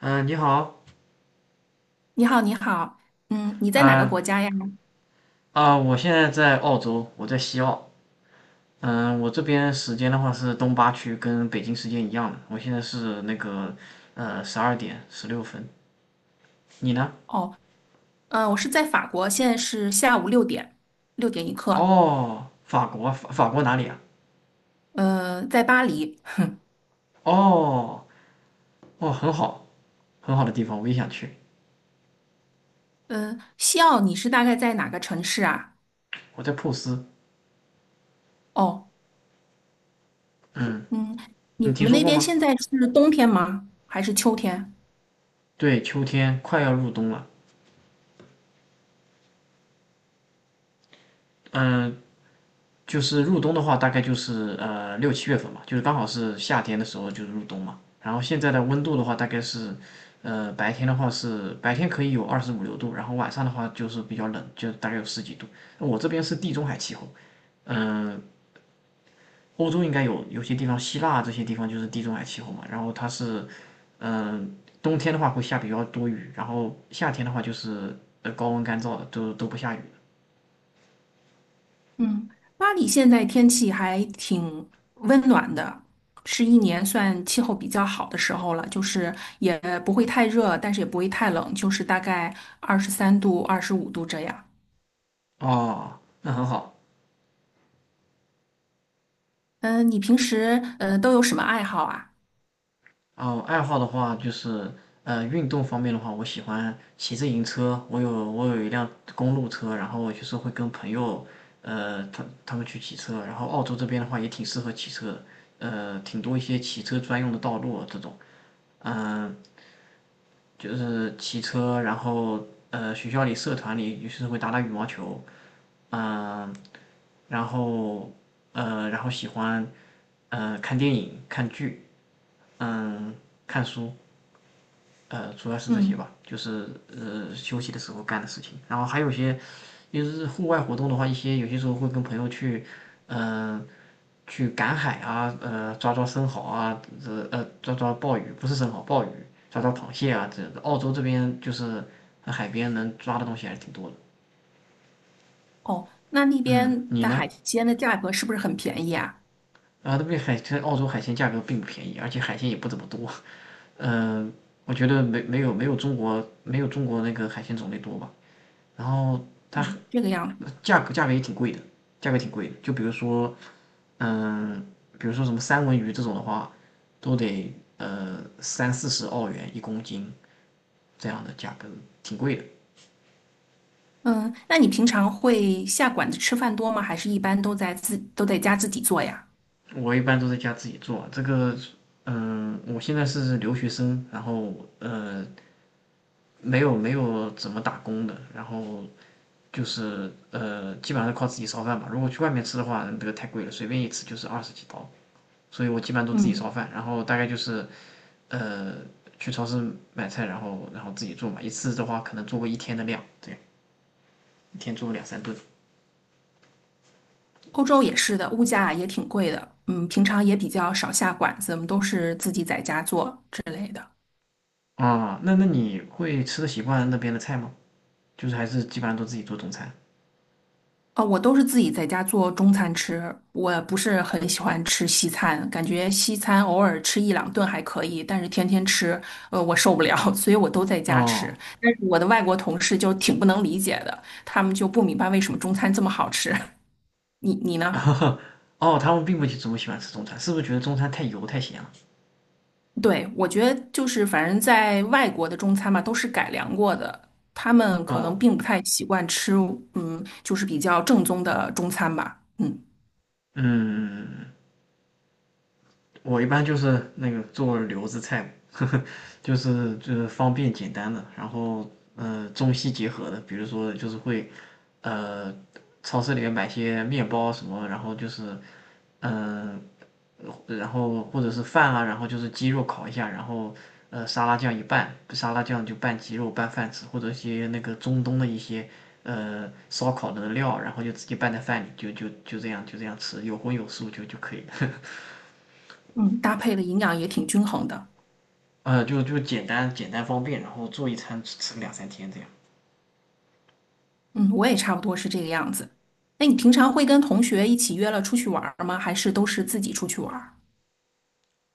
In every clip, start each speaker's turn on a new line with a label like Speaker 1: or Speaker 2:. Speaker 1: 你好，
Speaker 2: 你好，你好，嗯，你在哪个
Speaker 1: 嗯
Speaker 2: 国家呀？
Speaker 1: 我现在在澳洲，我在西澳。我这边时间的话是东八区，跟北京时间一样的。我现在是那个12:16。你呢？
Speaker 2: 哦，嗯，我是在法国，现在是下午六点，6点一刻，
Speaker 1: 哦，法国，法国哪里啊？
Speaker 2: 在巴黎，哼。
Speaker 1: 哦哦，很好，很好的地方，我也想去。
Speaker 2: 嗯，西奥，你是大概在哪个城市啊？
Speaker 1: 我在珀斯。
Speaker 2: 哦，
Speaker 1: 嗯，
Speaker 2: 嗯，
Speaker 1: 你
Speaker 2: 你
Speaker 1: 听
Speaker 2: 们
Speaker 1: 说
Speaker 2: 那
Speaker 1: 过
Speaker 2: 边
Speaker 1: 吗？
Speaker 2: 现在是冬天吗？还是秋天？
Speaker 1: 对，秋天快要入冬了。嗯、就是入冬的话，大概就是6、7月份嘛，就是刚好是夏天的时候就是入冬嘛。然后现在的温度的话，大概是，呃，白天的话是白天可以有25、26度，然后晚上的话就是比较冷，就大概有10几度。我这边是地中海气候，嗯、呃欧洲应该有些地方，希腊这些地方就是地中海气候嘛。然后它是，嗯、呃冬天的话会下比较多雨，然后夏天的话就是高温干燥的，都不下雨的。
Speaker 2: 嗯，巴黎现在天气还挺温暖的，是一年算气候比较好的时候了，就是也不会太热，但是也不会太冷，就是大概23度、25度这样。
Speaker 1: 哦，那很好。
Speaker 2: 你平时都有什么爱好啊？
Speaker 1: 哦，爱好的话就是，呃，运动方面的话，我喜欢骑自行车。我有一辆公路车，然后就是会跟朋友，呃，他们去骑车。然后澳洲这边的话也挺适合骑车的，呃，挺多一些骑车专用的道路啊这种。嗯、就是骑车，然后呃，学校里社团里就是会打打羽毛球，嗯、然后呃，然后喜欢看电影、看剧，嗯、看，主要是这些
Speaker 2: 嗯，
Speaker 1: 吧，就是休息的时候干的事情。然后还有些，些，就是户外活动的话，一些有些时候会跟朋友去，呃，去赶海啊，呃，抓抓生蚝啊，这抓抓鲍鱼，不是生蚝，鲍鱼，抓抓螃蟹啊，这澳洲这边就是海边能抓的东西还是挺多。
Speaker 2: 哦，那那
Speaker 1: 嗯，
Speaker 2: 边
Speaker 1: 你
Speaker 2: 的
Speaker 1: 呢？
Speaker 2: 海鲜的价格是不是很便宜啊？
Speaker 1: 啊，那边海这澳洲海鲜价格并不便宜，而且海鲜也不怎么多。嗯、我觉得没有中国那个海鲜种类多吧。然后它
Speaker 2: 嗯，这个样子。
Speaker 1: 价格也挺贵的，价格挺贵的。就比如说，嗯，比如说什么三文鱼这种的话，都得30、40澳元1公斤这样的价格，挺贵的。
Speaker 2: 嗯，那你平常会下馆子吃饭多吗？还是一般都在自都在家自己做呀？
Speaker 1: 我一般都在家自己做，这个，嗯，我现在是留学生，然后没有怎么打工的，然后就是基本上是靠自己烧饭吧。如果去外面吃的话，这个太贵了，随便一吃就是20几刀。所以我基本上都自己烧
Speaker 2: 嗯，
Speaker 1: 饭，然后大概就是呃去超市买菜，然后自己做嘛，一次的话可能做过1天的量，对，1天做个2、3顿。
Speaker 2: 欧洲也是的，物价也挺贵的。嗯，平常也比较少下馆子，我们都是自己在家做之类的。
Speaker 1: 那那你会吃的习惯那边的菜吗？就是还是基本上都自己做中餐。
Speaker 2: 啊，我都是自己在家做中餐吃，我不是很喜欢吃西餐，感觉西餐偶尔吃一两顿还可以，但是天天吃，我受不了，所以我都在家吃。
Speaker 1: 哦，
Speaker 2: 但是我的外国同事就挺不能理解的，他们就不明白为什么中餐这么好吃。你呢？
Speaker 1: 哦，他们并不怎么喜欢吃中餐，是不是觉得中餐太油太咸了？
Speaker 2: 对，我觉得就是反正在外国的中餐嘛，都是改良过的，他们可能
Speaker 1: 哦，
Speaker 2: 并不太习惯吃，嗯，就是比较正宗的中餐吧。嗯
Speaker 1: 嗯，我一般就是那个做留子菜，呵呵，就是方便简单的，然后中西结合的，比如说就是会呃超市里面买些面包什么，然后就是嗯、呃然后或者是饭啊，然后就是鸡肉烤一下，然后沙拉酱一拌，沙拉酱就拌鸡肉拌饭吃，或者一些那个中东的一些烧烤的料，然后就直接拌在饭里，就这样就这样吃，有荤有素就可以了。
Speaker 2: 嗯，搭配的营养也挺均衡的。
Speaker 1: 呃，就简单方便，然后做一餐吃吃个2、3天这样。
Speaker 2: 嗯，我也差不多是这个样子。那你平常会跟同学一起约了出去玩儿吗？还是都是自己出去玩儿？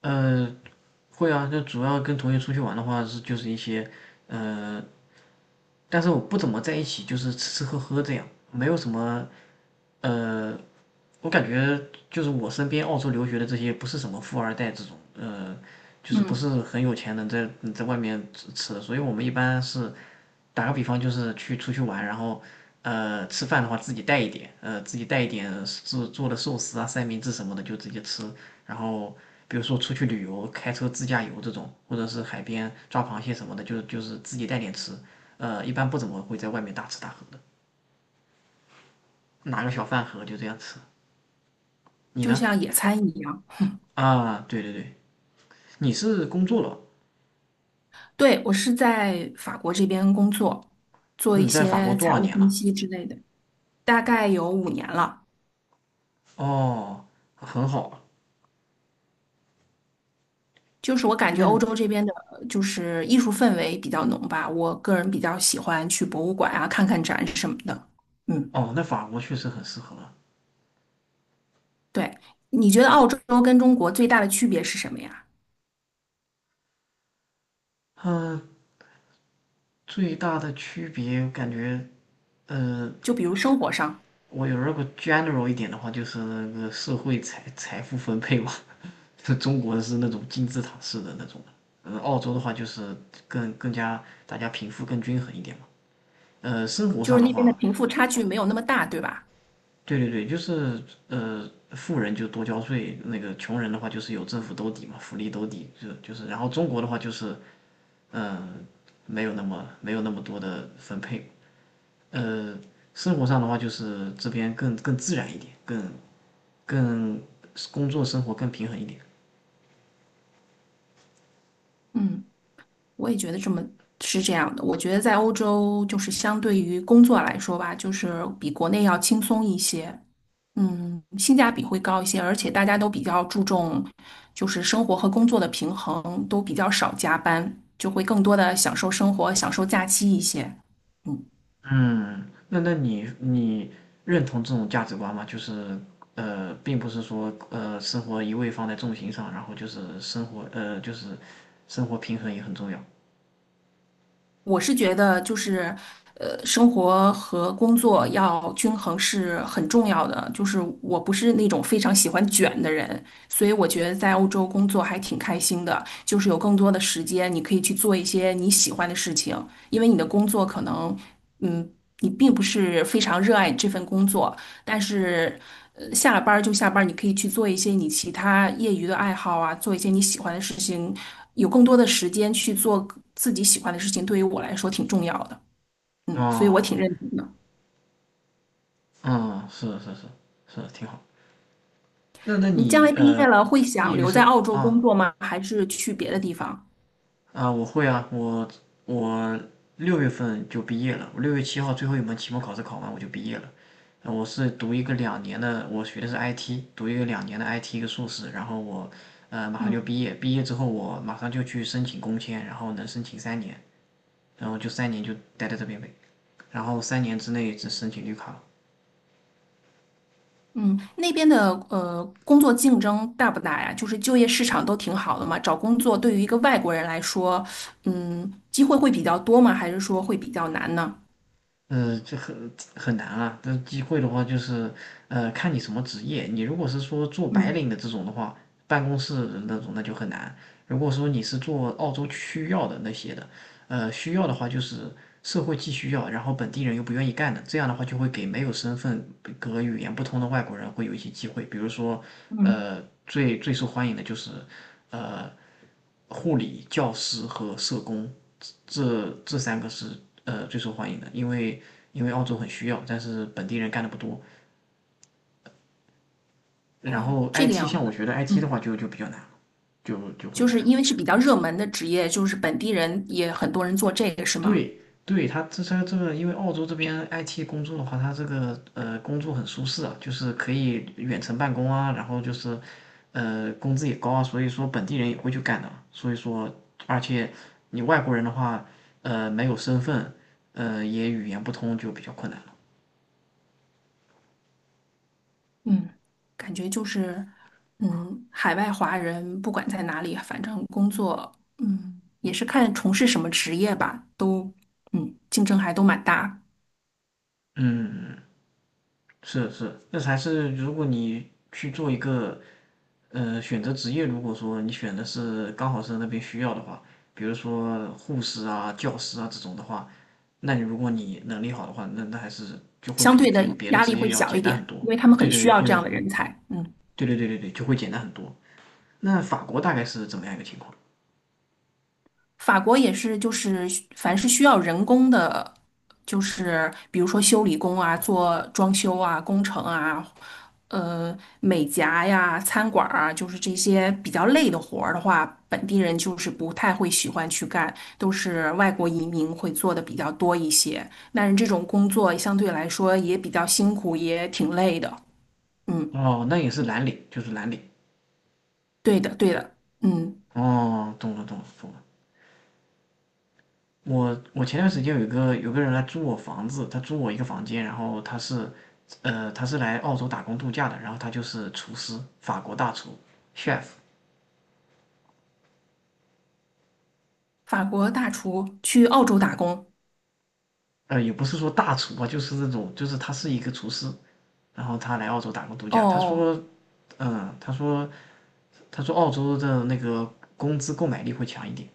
Speaker 1: 呃，会啊，就主要跟同学出去玩的话是就是一些，呃，但是我不怎么在一起，就是吃吃喝喝这样，没有什么，呃，我感觉就是我身边澳洲留学的这些不是什么富二代这种，呃，就是不是
Speaker 2: 嗯，
Speaker 1: 很有钱能在外面吃吃的，所以我们一般是打个比方，就是去出去玩，然后吃饭的话自己带一点，呃自己带一点做做的寿司啊、三明治什么的就直接吃。然后比如说出去旅游，开车自驾游这种，或者是海边抓螃蟹什么的，就是自己带点吃。呃，一般不怎么会在外面大吃大喝的，拿个小饭盒就这样吃。你
Speaker 2: 就
Speaker 1: 呢？
Speaker 2: 像野餐一样。
Speaker 1: 啊，对对对，你是工作了？
Speaker 2: 对，我是在法国这边工作，做一
Speaker 1: 你在法国
Speaker 2: 些
Speaker 1: 多
Speaker 2: 财
Speaker 1: 少
Speaker 2: 务
Speaker 1: 年
Speaker 2: 分
Speaker 1: 了？
Speaker 2: 析之类的，大概有5年了。
Speaker 1: 哦，很好啊
Speaker 2: 就是我感觉
Speaker 1: 那你
Speaker 2: 欧洲这边的，就是艺术氛围比较浓吧。我个人比较喜欢去博物馆啊，看看展什么的。嗯，
Speaker 1: 哦，那法国确实很适合了。
Speaker 2: 对。你觉得澳洲跟中国最大的区别是什么呀？
Speaker 1: 最大的区别感觉，呃，
Speaker 2: 就比如生活上。
Speaker 1: 我有如果 general 一点的话，就是那个社会财富分配嘛。中国是那种金字塔式的那种的，呃，澳洲的话就是更加大家贫富更均衡一点嘛。呃，生活
Speaker 2: 就
Speaker 1: 上
Speaker 2: 是
Speaker 1: 的
Speaker 2: 那边的
Speaker 1: 话，
Speaker 2: 贫富差距没有那么大，对吧？
Speaker 1: 对对对，就是呃，富人就多交税，那个穷人的话就是有政府兜底嘛，福利兜底，就是，然后中国的话就是，嗯、没有那么多的分配。呃，生活上的话就是这边更自然一点，更更工作生活更平衡一点。
Speaker 2: 嗯，我也觉得这么是这样的。我觉得在欧洲，就是相对于工作来说吧，就是比国内要轻松一些，嗯，性价比会高一些，而且大家都比较注重就是生活和工作的平衡，都比较少加班，就会更多的享受生活、享受假期一些。嗯。
Speaker 1: 嗯，那那你认同这种价值观吗？就是呃，并不是说生活一味放在重心上，然后就是生活就是生活平衡也很重要。
Speaker 2: 我是觉得就是，生活和工作要均衡是很重要的。就是我不是那种非常喜欢卷的人，所以我觉得在欧洲工作还挺开心的，就是有更多的时间，你可以去做一些你喜欢的事情，因为你的工作可能，嗯，你并不是非常热爱这份工作，但是，下了班儿就下班儿，你可以去做一些你其他业余的爱好啊，做一些你喜欢的事情，有更多的时间去做自己喜欢的事情，对于我来说挺重要的。嗯，所以我
Speaker 1: 哦，
Speaker 2: 挺认同的。
Speaker 1: 嗯，是是是是，挺好。那那
Speaker 2: 你将
Speaker 1: 你
Speaker 2: 来毕业了会
Speaker 1: 业
Speaker 2: 想
Speaker 1: 余
Speaker 2: 留在
Speaker 1: 生
Speaker 2: 澳洲
Speaker 1: 啊。
Speaker 2: 工作吗？还是去别的地方？
Speaker 1: 啊，我会啊，我我6月份就毕业了，我6月7号最后一门期末考试考完我就毕业了。我是读一个两年的，我学的是 IT，读一个两年的 IT 一个硕士，然后我马上就
Speaker 2: 嗯
Speaker 1: 毕业，毕业之后我马上就去申请工签，然后能申请三年，然后就三年就待在这边呗，然后3年之内只申请绿卡。
Speaker 2: 嗯，那边的工作竞争大不大呀？就是就业市场都挺好的嘛，找工作对于一个外国人来说，嗯，机会会比较多吗？还是说会比较难呢？
Speaker 1: 呃，这很很难啊。这机会的话，就是呃，看你什么职业。你如果是说做白
Speaker 2: 嗯
Speaker 1: 领的这种的话，办公室的那种，那就很难。如果说你是做澳洲需要的那些的，呃，需要的话就是社会既需要，然后本地人又不愿意干的，这样的话就会给没有身份和语言不通的外国人会有一些机会。比如说，
Speaker 2: 嗯。
Speaker 1: 呃，最最受欢迎的就是呃，护理、教师和社工。这三个是最受欢迎的，因为因为澳洲很需要，但是本地人干的不多。然
Speaker 2: 哦，
Speaker 1: 后
Speaker 2: 这个
Speaker 1: IT
Speaker 2: 样
Speaker 1: 像我
Speaker 2: 子。
Speaker 1: 觉得 IT 的
Speaker 2: 嗯，
Speaker 1: 话就比较难了，就会
Speaker 2: 就
Speaker 1: 难
Speaker 2: 是
Speaker 1: 一
Speaker 2: 因
Speaker 1: 些。
Speaker 2: 为是比较热门的职业，就是本地人也很多人做这个，是吗？
Speaker 1: 对对，他这个，因为澳洲这边 IT 工作的话，他这个工作很舒适啊，就是可以远程办公啊，然后就是工资也高啊，所以说本地人也会去干的。所以说，而且你外国人的话，没有身份，也语言不通就比较困难了。
Speaker 2: 嗯，感觉就是，嗯，海外华人不管在哪里，反正工作，嗯，也是看从事什么职业吧，都，嗯，竞争还都蛮大，
Speaker 1: 嗯。嗯嗯是是，那还是如果你去做一个选择职业，如果说你选的是刚好是那边需要的话，比如说护士啊、教师啊这种的话，那你如果你能力好的话，那那还是就会
Speaker 2: 相
Speaker 1: 比
Speaker 2: 对
Speaker 1: 别
Speaker 2: 的
Speaker 1: 别的
Speaker 2: 压力
Speaker 1: 职
Speaker 2: 会
Speaker 1: 业要
Speaker 2: 小一
Speaker 1: 简单
Speaker 2: 点，
Speaker 1: 很
Speaker 2: 因
Speaker 1: 多。
Speaker 2: 为他们
Speaker 1: 对
Speaker 2: 很
Speaker 1: 对
Speaker 2: 需
Speaker 1: 对，
Speaker 2: 要这
Speaker 1: 会，
Speaker 2: 样的人才。嗯。
Speaker 1: 对对对对对，就会简单很多。那法国大概是怎么样一个情况？
Speaker 2: 法国也是，就是凡是需要人工的，就是比如说修理工啊、做装修啊、工程啊、美甲呀、餐馆儿啊，就是这些比较累的活儿的话，本地人就是不太会喜欢去干，都是外国移民会做的比较多一些。但是这种工作相对来说也比较辛苦，也挺累的。嗯，
Speaker 1: 哦，那也是蓝领，就是蓝领。
Speaker 2: 对的，对的。嗯，
Speaker 1: 哦，懂了懂了懂了。我我前段时间有一个有个人来租我房子，他租我一个房间，然后他是，呃，他是来澳洲打工度假的，然后他就是厨师，法国大厨，chef，
Speaker 2: 法国大厨去澳洲打工。
Speaker 1: 呃，也不是说大厨吧，就是那种，就是他是一个厨师，然后他来澳洲打工度
Speaker 2: 哦
Speaker 1: 假，他
Speaker 2: 哦
Speaker 1: 说，嗯，他说他说澳洲的那个工资购买力会强一点，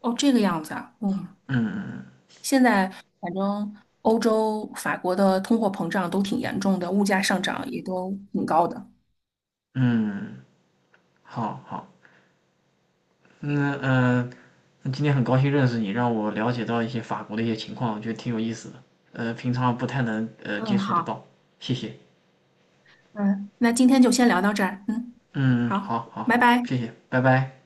Speaker 2: 哦，这个样子啊。嗯。
Speaker 1: 嗯嗯
Speaker 2: 现在反正欧洲、法国的通货膨胀都挺严重的，物价上涨也都挺高的。
Speaker 1: 嗯，嗯好好。嗯嗯、那今天很高兴认识你，让我了解到一些法国的一些情况，我觉得挺有意思的。呃，平常不太能接
Speaker 2: 嗯，
Speaker 1: 触得
Speaker 2: 好。
Speaker 1: 到，谢谢。
Speaker 2: 嗯，那今天就先聊到这儿。嗯，
Speaker 1: 嗯，嗯
Speaker 2: 好，
Speaker 1: 好，好，
Speaker 2: 拜
Speaker 1: 好，
Speaker 2: 拜。
Speaker 1: 谢谢，拜拜。